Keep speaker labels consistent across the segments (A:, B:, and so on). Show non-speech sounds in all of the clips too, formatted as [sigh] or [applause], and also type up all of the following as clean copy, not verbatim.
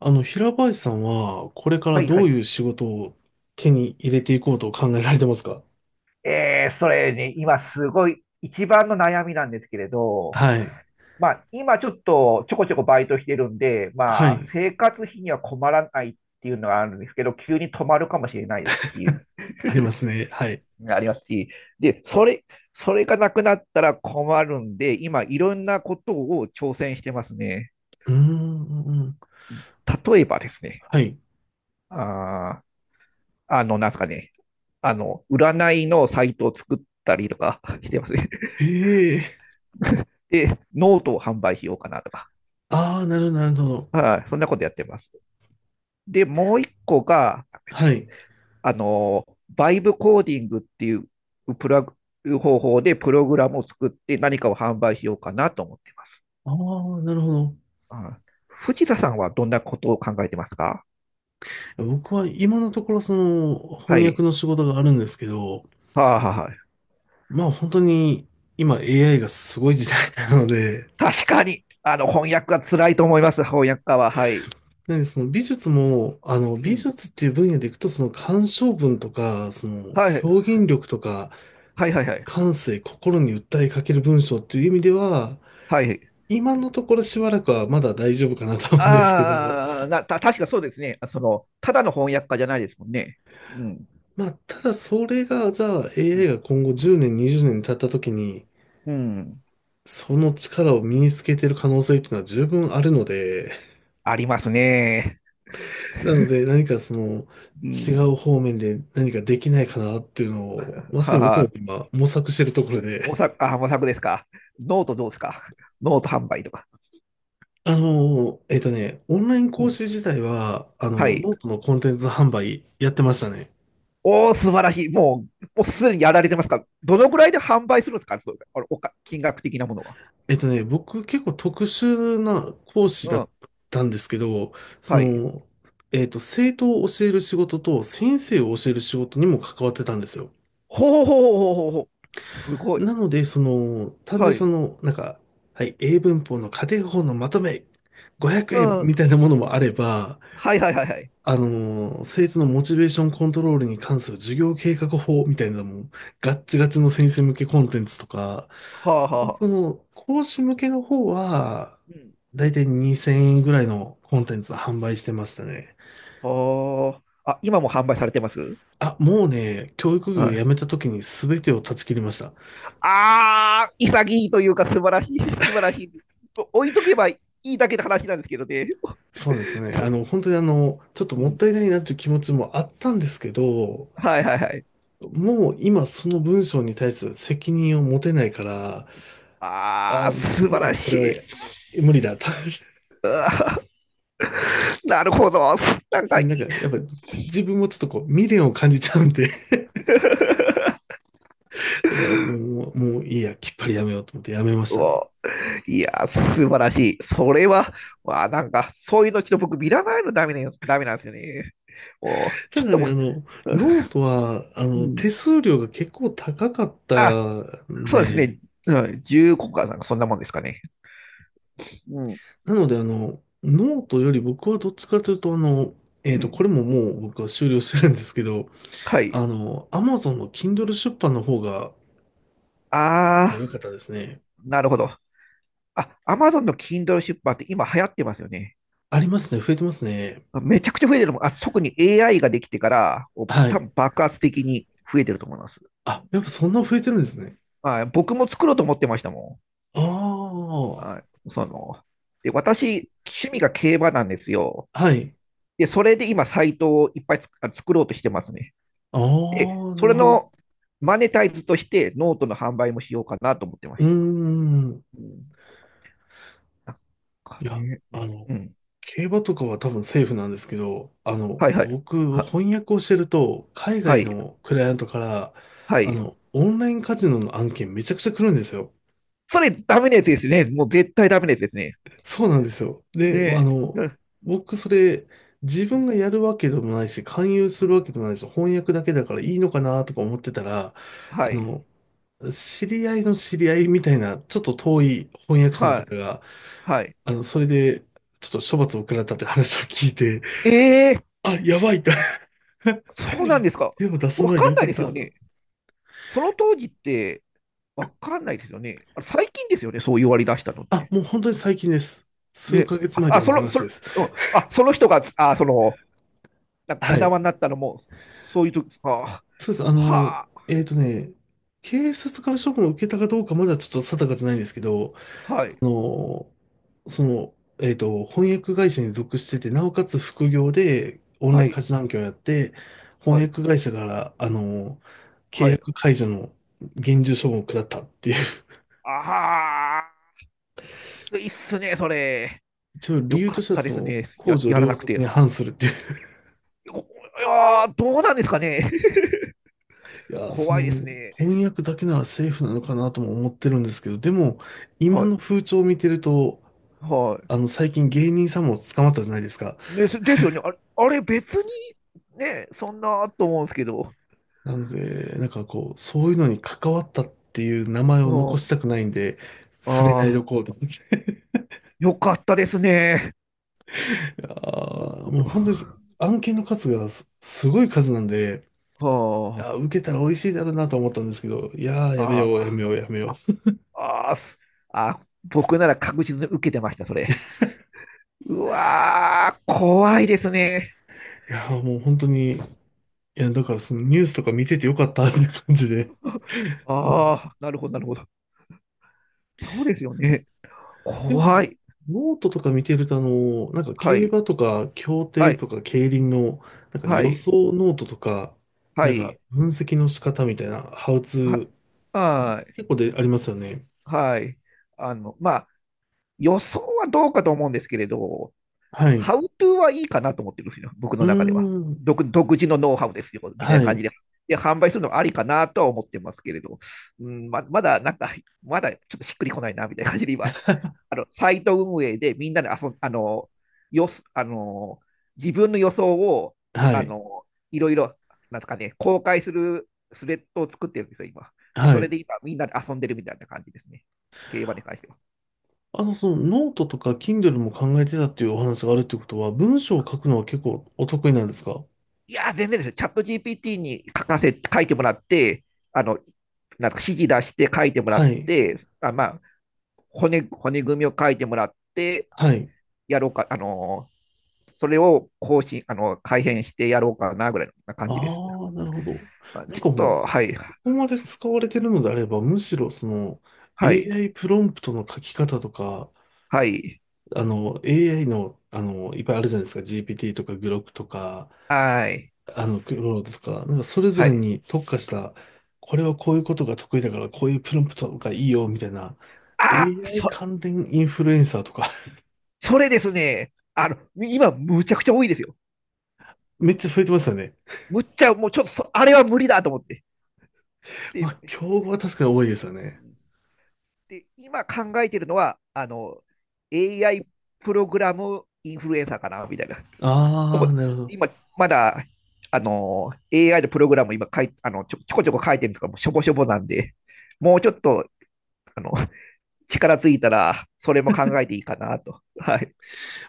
A: 平林さんは、これか
B: は
A: ら
B: いは
A: どう
B: い。
A: いう仕事を手に入れていこうと考えられてますか？
B: それに、今すごい一番の悩みなんですけれど、
A: はい。
B: まあ、今ちょっとちょこちょこバイトしてるんで、
A: は
B: まあ、
A: い。
B: 生活費には困らないっていうのがあるんですけど、急に止まるかもしれないですし、
A: ありますね。はい。
B: ありますし、で、それ、それがなくなったら困るんで、今いろんなことを挑戦してますね。
A: うーん。
B: 例えばですね、
A: はい。
B: あー、なんですかね、占いのサイトをたりとか [laughs] してますね。
A: ええ。
B: [laughs] で、ノートを販売しようかなとか。
A: ああー、なるほど、なるほど。
B: はい、そんなことやってます。で、もう一個が、
A: はい。
B: バイブコーディングっていうプラグ方法でプログラムを作って何かを販売しようかなと思ってます。
A: ああ、なるほど。
B: うん、藤田さんはどんなことを考えてますか。
A: 僕は今のところ
B: は
A: 翻訳
B: い。
A: の仕事があるんですけど、
B: はい。
A: まあ本当に今 AI がすごい時代なので、
B: 確かに、翻訳が辛いと思います、翻訳家は。はい。
A: なんで美術も、
B: う
A: 美
B: ん。
A: 術っていう分野でいくと鑑賞文とか、その
B: はい。
A: 表現力とか、
B: はい、はい、はい。
A: 感性、心に訴えかける文章っていう意味では、
B: はい。
A: 今のところしばらくはまだ大丈夫かなと思うんですけど、
B: 確かそうですね。あその、ただの翻訳家じゃないですもんね。うん。
A: まあ、ただそれが、じゃあ
B: う
A: AI
B: ん
A: が今後10年、20年経った時に、
B: うん。
A: その力を身につけてる可能性っていうのは十分あるので、
B: ありますね。
A: [laughs] なので何か
B: う
A: 違う
B: ん。
A: 方面で何かできないかなっていうのを、まさに僕
B: は
A: も
B: あ、
A: 今模索してるところで、[laughs]
B: 模索ですか。ノートどうですか。ノート販売とか。
A: オンライン
B: う
A: 講
B: ん。
A: 師自体は、
B: はい。
A: ノートのコンテンツ販売やってましたね。
B: おー素晴らしい。もうすでにやられてますか。どのくらいで販売するんですか、そうあのおか、金額的なものは。
A: 僕結構特殊な講師
B: う
A: だっ
B: ん。
A: たんですけど、そ
B: はい。
A: の、生徒を教える仕事と先生を教える仕事にも関わってたんですよ。
B: ほうほうほうほうほう。すごい。
A: なので、単純
B: は
A: に
B: い。
A: はい、英文法の家庭法のまとめ500
B: う
A: 円
B: ん。
A: みたいなものもあれば、
B: はいはいはいはい。
A: 生徒のモチベーションコントロールに関する授業計画法みたいなのも、ガッチガチの先生向けコンテンツとか、
B: はあはあ。
A: 講師向けの方は、
B: うん。
A: だいたい2000円ぐらいのコンテンツ販売してましたね。
B: はあ。あ、今も販売されてます
A: あ、もうね、教育業を
B: は
A: 辞
B: い。
A: めた時に全てを断ち切りました。
B: ああ、潔いというか素晴らしい、[laughs] 素晴らしい。置いとけばいいだけの話なんですけどね。
A: そうですね。本当にちょっと
B: う
A: もっ
B: ん。
A: たいないなという気持ちもあったんですけど、
B: はいはいはい。
A: もう今その文章に対する責任を持てないから、
B: ああ、
A: あ、
B: 素晴
A: も
B: ら
A: うこ
B: し
A: れは無理だと。[laughs]
B: い。なるほど。なんか、
A: し
B: [laughs]
A: なんか、やっぱ自分もちょっとこう、未練を感じちゃうんで、だからもういいや、きっぱりやめようと思ってやめまし
B: う
A: たね。
B: おいや、素晴らしい。それは、わあ、なんか、そういうのちょっと僕見らないのダメね、ダメなんですよね。おち
A: た
B: ょっ
A: だ
B: と
A: ね、
B: もう、
A: ノートは、
B: う
A: 手
B: ん。
A: 数料が結構高かった
B: あ、
A: ん
B: そうです
A: で、
B: ね。うん、10個かなんか、そんなもんですかね。うん。
A: なので、ノートより僕はどっちかというと、
B: うん。
A: これももう僕は終了してるんですけど、
B: はい。
A: Amazon の Kindle 出版の方が
B: あ
A: 良か
B: あ、
A: ったですね。
B: なるほど。あ、アマゾンの Kindle 出版って今流行ってますよね。
A: ありますね。増えてますね。
B: めちゃくちゃ増えてるもん。あ、特に AI ができてから、お
A: は
B: 多
A: い。
B: 分爆発的に増えてると思います。
A: あ、やっぱそんな増えてるんですね。
B: はい、僕も作ろうと思ってましたも
A: ああ、
B: ん。
A: は
B: で、私、趣味が競馬なんですよ。
A: い。
B: で、それで今、サイトをいっぱい作ろうとしてますね。
A: あ
B: で、
A: あ、な
B: そ
A: る
B: れ
A: ほど。
B: のマネタイズとして、ノートの販売もしようかなと思ってま
A: うー
B: した。
A: ん。
B: うん、なん
A: い
B: か
A: や、
B: ね、
A: あの、
B: うん。
A: 競馬とかは多分セーフなんですけど、
B: はいはい。
A: 僕、
B: は、
A: 翻訳をしてると、海
B: は
A: 外
B: い。
A: のクライアントから、
B: はい。
A: オンラインカジノの案件めちゃくちゃ来るんですよ。
B: それダメなやつですね。もう絶対ダメなやつですね。
A: そうなんですよ。で、あ
B: で、う
A: の、
B: ん
A: 僕、それ、自分がやるわけでもないし、勧誘するわけでもないし、翻訳だけだからいいのかなとか思ってたら、あ
B: はい、
A: の、知り合いの知り合いみたいな、ちょっと遠い翻訳者の
B: はい、
A: 方が、
B: はい。
A: あの、それで、ちょっと処罰を食らったって話を聞いて、
B: えー、
A: あ、やばいって
B: そうなんですか。
A: 手を出す
B: わ
A: 前で
B: かん
A: よ
B: な
A: か
B: い
A: っ
B: です
A: た。
B: よね。その当時ってわかんないですよね。あれ最近ですよね、そう言われ出したのっ
A: あ、
B: て。
A: もう本当に最近です。数
B: ね、
A: ヶ月前
B: あ、
A: と
B: あ
A: かの
B: その、そ
A: 話
B: の、
A: です。
B: その人が、なんかお
A: はい。
B: 縄になったのも、そういう時ですか。は
A: そうです。
B: あ、
A: えっとね、警察から処分を受けたかどうかまだちょっと定かじゃないんですけど、
B: は
A: あ
B: い、
A: の、その、翻訳会社に属してて、なおかつ副業でオンラ
B: は
A: イン
B: い、
A: 家事案件をやって、
B: は
A: 翻
B: い、
A: 訳会社から、契
B: はい。
A: 約解除の厳重処分を食らったっていう。
B: ああ、いいっすね、それ。
A: 一応
B: よ
A: 理由
B: か
A: と
B: っ
A: しては、
B: たですね。や、
A: 公序
B: やら
A: 良
B: なく
A: 俗に
B: て。
A: 反するって。
B: おいやー、どうなんですかね。[laughs]
A: いや、
B: 怖いですね。
A: 翻訳だけならセーフなのかなとも思ってるんですけど、でも、今
B: はい。
A: の風潮を見てると、
B: はい。
A: 最近芸人さんも捕まったじゃないですか。
B: ですよね。あれ別にね、そんなと思うんですけど。
A: なので、なんかこう、そういうのに関わったっていう名前
B: う
A: を残し
B: ん、
A: たくないんで、触れないで
B: あ
A: お
B: あ、
A: こうと。[laughs] い
B: よかったですね。
A: やーもう本当に、
B: [laughs]
A: 案件の数がす、すごい数なんで、い
B: は
A: やー受けたら美味しいだろうなと思ったんですけど、いやー、
B: あ、
A: やめよう、やめ
B: あ
A: よう、やめよう。[laughs]
B: あ、ああ、すあ、僕なら確実に受けてました、それ。うわー、怖いですね。
A: いやーもう本当に、いや、だからそのニュースとか見ててよかったっていう感じで。
B: ああ、なるほど、なるほど。そうですよね。
A: で
B: 怖
A: も、
B: い。
A: ノートとか見てると、
B: は
A: 競
B: い、
A: 馬とか、競
B: は
A: 艇
B: い、
A: とか、競輪の、なんか
B: は
A: 予
B: い、
A: 想ノートとか、
B: は
A: なんか
B: い、
A: 分析の仕方みたいな、ハウツ
B: は、
A: ー、
B: はい。
A: 結構でありますよね。
B: はい。あの、まあ、予想はどうかと思うんですけれど、
A: は
B: ハ
A: い。
B: ウトゥーはいいかなと思ってるんですよ、僕
A: う
B: の中では。
A: ーん。
B: 独自のノウハウですよ、みたいな
A: は
B: 感じ
A: い。
B: で。で、販売するのはありかなとは思ってますけれど、まだなんか、まだちょっとしっくりこないな、みたいな感じで今、あの、サイト運営でみんなで遊ん、あの、よあの、自分の予想を、
A: は
B: あ
A: い。
B: の、いろいろ、なんですかね、公開するスレッドを作ってるんですよ、今。で、
A: は
B: それ
A: い。
B: で今、みんなで遊んでるみたいな感じですね。競馬に関しては。
A: そのノートとか Kindle も考えてたっていうお話があるってことは、文章を書くのは結構お得意なんですか？
B: いやー、全然ですよ。チャット GPT に書かせ、書いてもらって、あの、なんか指示出して書いてもら
A: は
B: っ
A: い。
B: て、骨組みを書いてもらって、
A: はい。
B: やろうか、あのー、それを更新、あの、改変してやろうかな、ぐらいな感じです。
A: ああ、なるほど。
B: あ
A: な
B: ち
A: ん
B: ょっ
A: かもう、こ
B: と、はい、は
A: こまで使われてるのであれば、むしろ
B: い、
A: AI プロンプトの書き方とか、
B: はい、
A: AI の、いっぱいあるじゃないですか。GPT とか Grok とか、
B: はい、
A: クロードとか、なんかそれぞ
B: は
A: れ
B: い。
A: に特化した、これはこういうことが得意だから、こういうプロンプトがいいよ、みたいな。
B: あ、
A: AI
B: そ、
A: 関連インフルエンサーとか。
B: それですね。あの、今、むちゃくちゃ多いですよ。
A: [laughs] めっちゃ増えてますよね。
B: むっちゃ、もうちょっとそ、あれは無理だと思って。で、
A: ま
B: う
A: あ、競合は確かに多いですよね。
B: んで今考えてるのは、あの、AI プログラムインフルエンサーかな、みたいな。で
A: あ
B: も
A: あ、なるほど。ま
B: 今、まだ、あの、AI のプログラム今書い、あの、ちょ、ちょこちょこ書いてるとか、もうしょぼしょぼなんで、もうちょっと、あの、力ついたら、それも考えていいかなと。はい。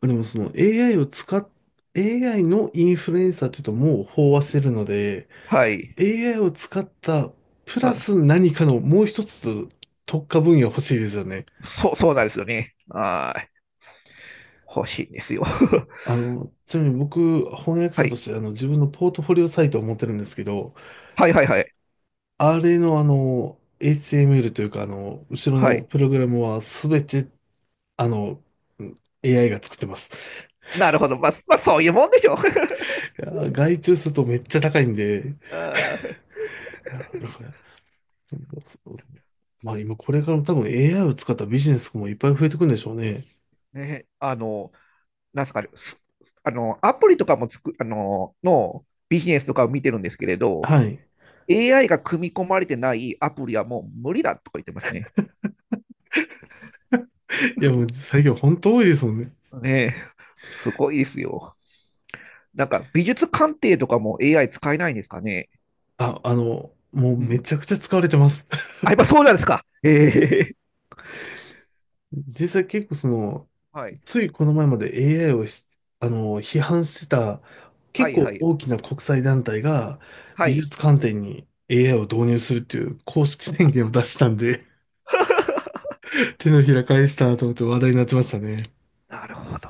A: あでもその AI を使っ AI のインフルエンサーっていうともう飽和してるので、
B: はい。
A: AI を使った、プ
B: う
A: ラ
B: ん。
A: ス何かのもう一つ特化分野欲しいですよね。
B: そうなんですよね。はい。欲しいんですよ。[laughs]
A: ちなみに僕、翻訳
B: は
A: 者と
B: い。
A: して自分のポートフォリオサイトを持ってるんですけど、
B: はいはいはい。
A: あれのHTML というか後ろ
B: は
A: の
B: い。
A: プログラムはすべて、あの、うん AI が作ってます。
B: なるほど。まあ、まあ、そういうもんでしょう。[laughs]
A: いやー、外注するとめっちゃ高いんで、い
B: あー
A: やーだから、そうまあ今これからも多分 AI を使ったビジネスもいっぱい増えてくるんでしょうね。
B: ね、あの、なんすかね、すあの、アプリとかもつく、あの、のビジネスとかを見てるんですけれど、
A: はい。
B: AI が組み込まれてないアプリはもう無理だとか言ってますね。
A: いやもう最
B: [laughs]
A: 近本当多いですもんね。
B: ねえ、すごいですよ。なんか、美術鑑定とかも AI 使えないんですかね。
A: あ、もう
B: う
A: め
B: ん。
A: ちゃくちゃ使われてます。
B: あ、
A: [laughs]
B: やっぱそうなんですか。ええ
A: 実際結構
B: はい。
A: ついこの前まで AI をし批判してた
B: は
A: 結
B: いは
A: 構
B: い。
A: 大きな国際団体が
B: は
A: 美
B: い。
A: 術観点に AI を導入するっていう公式宣言を出したんで、[laughs]
B: [laughs]
A: 手のひら返したなと思って話題になってましたね。
B: なるほど。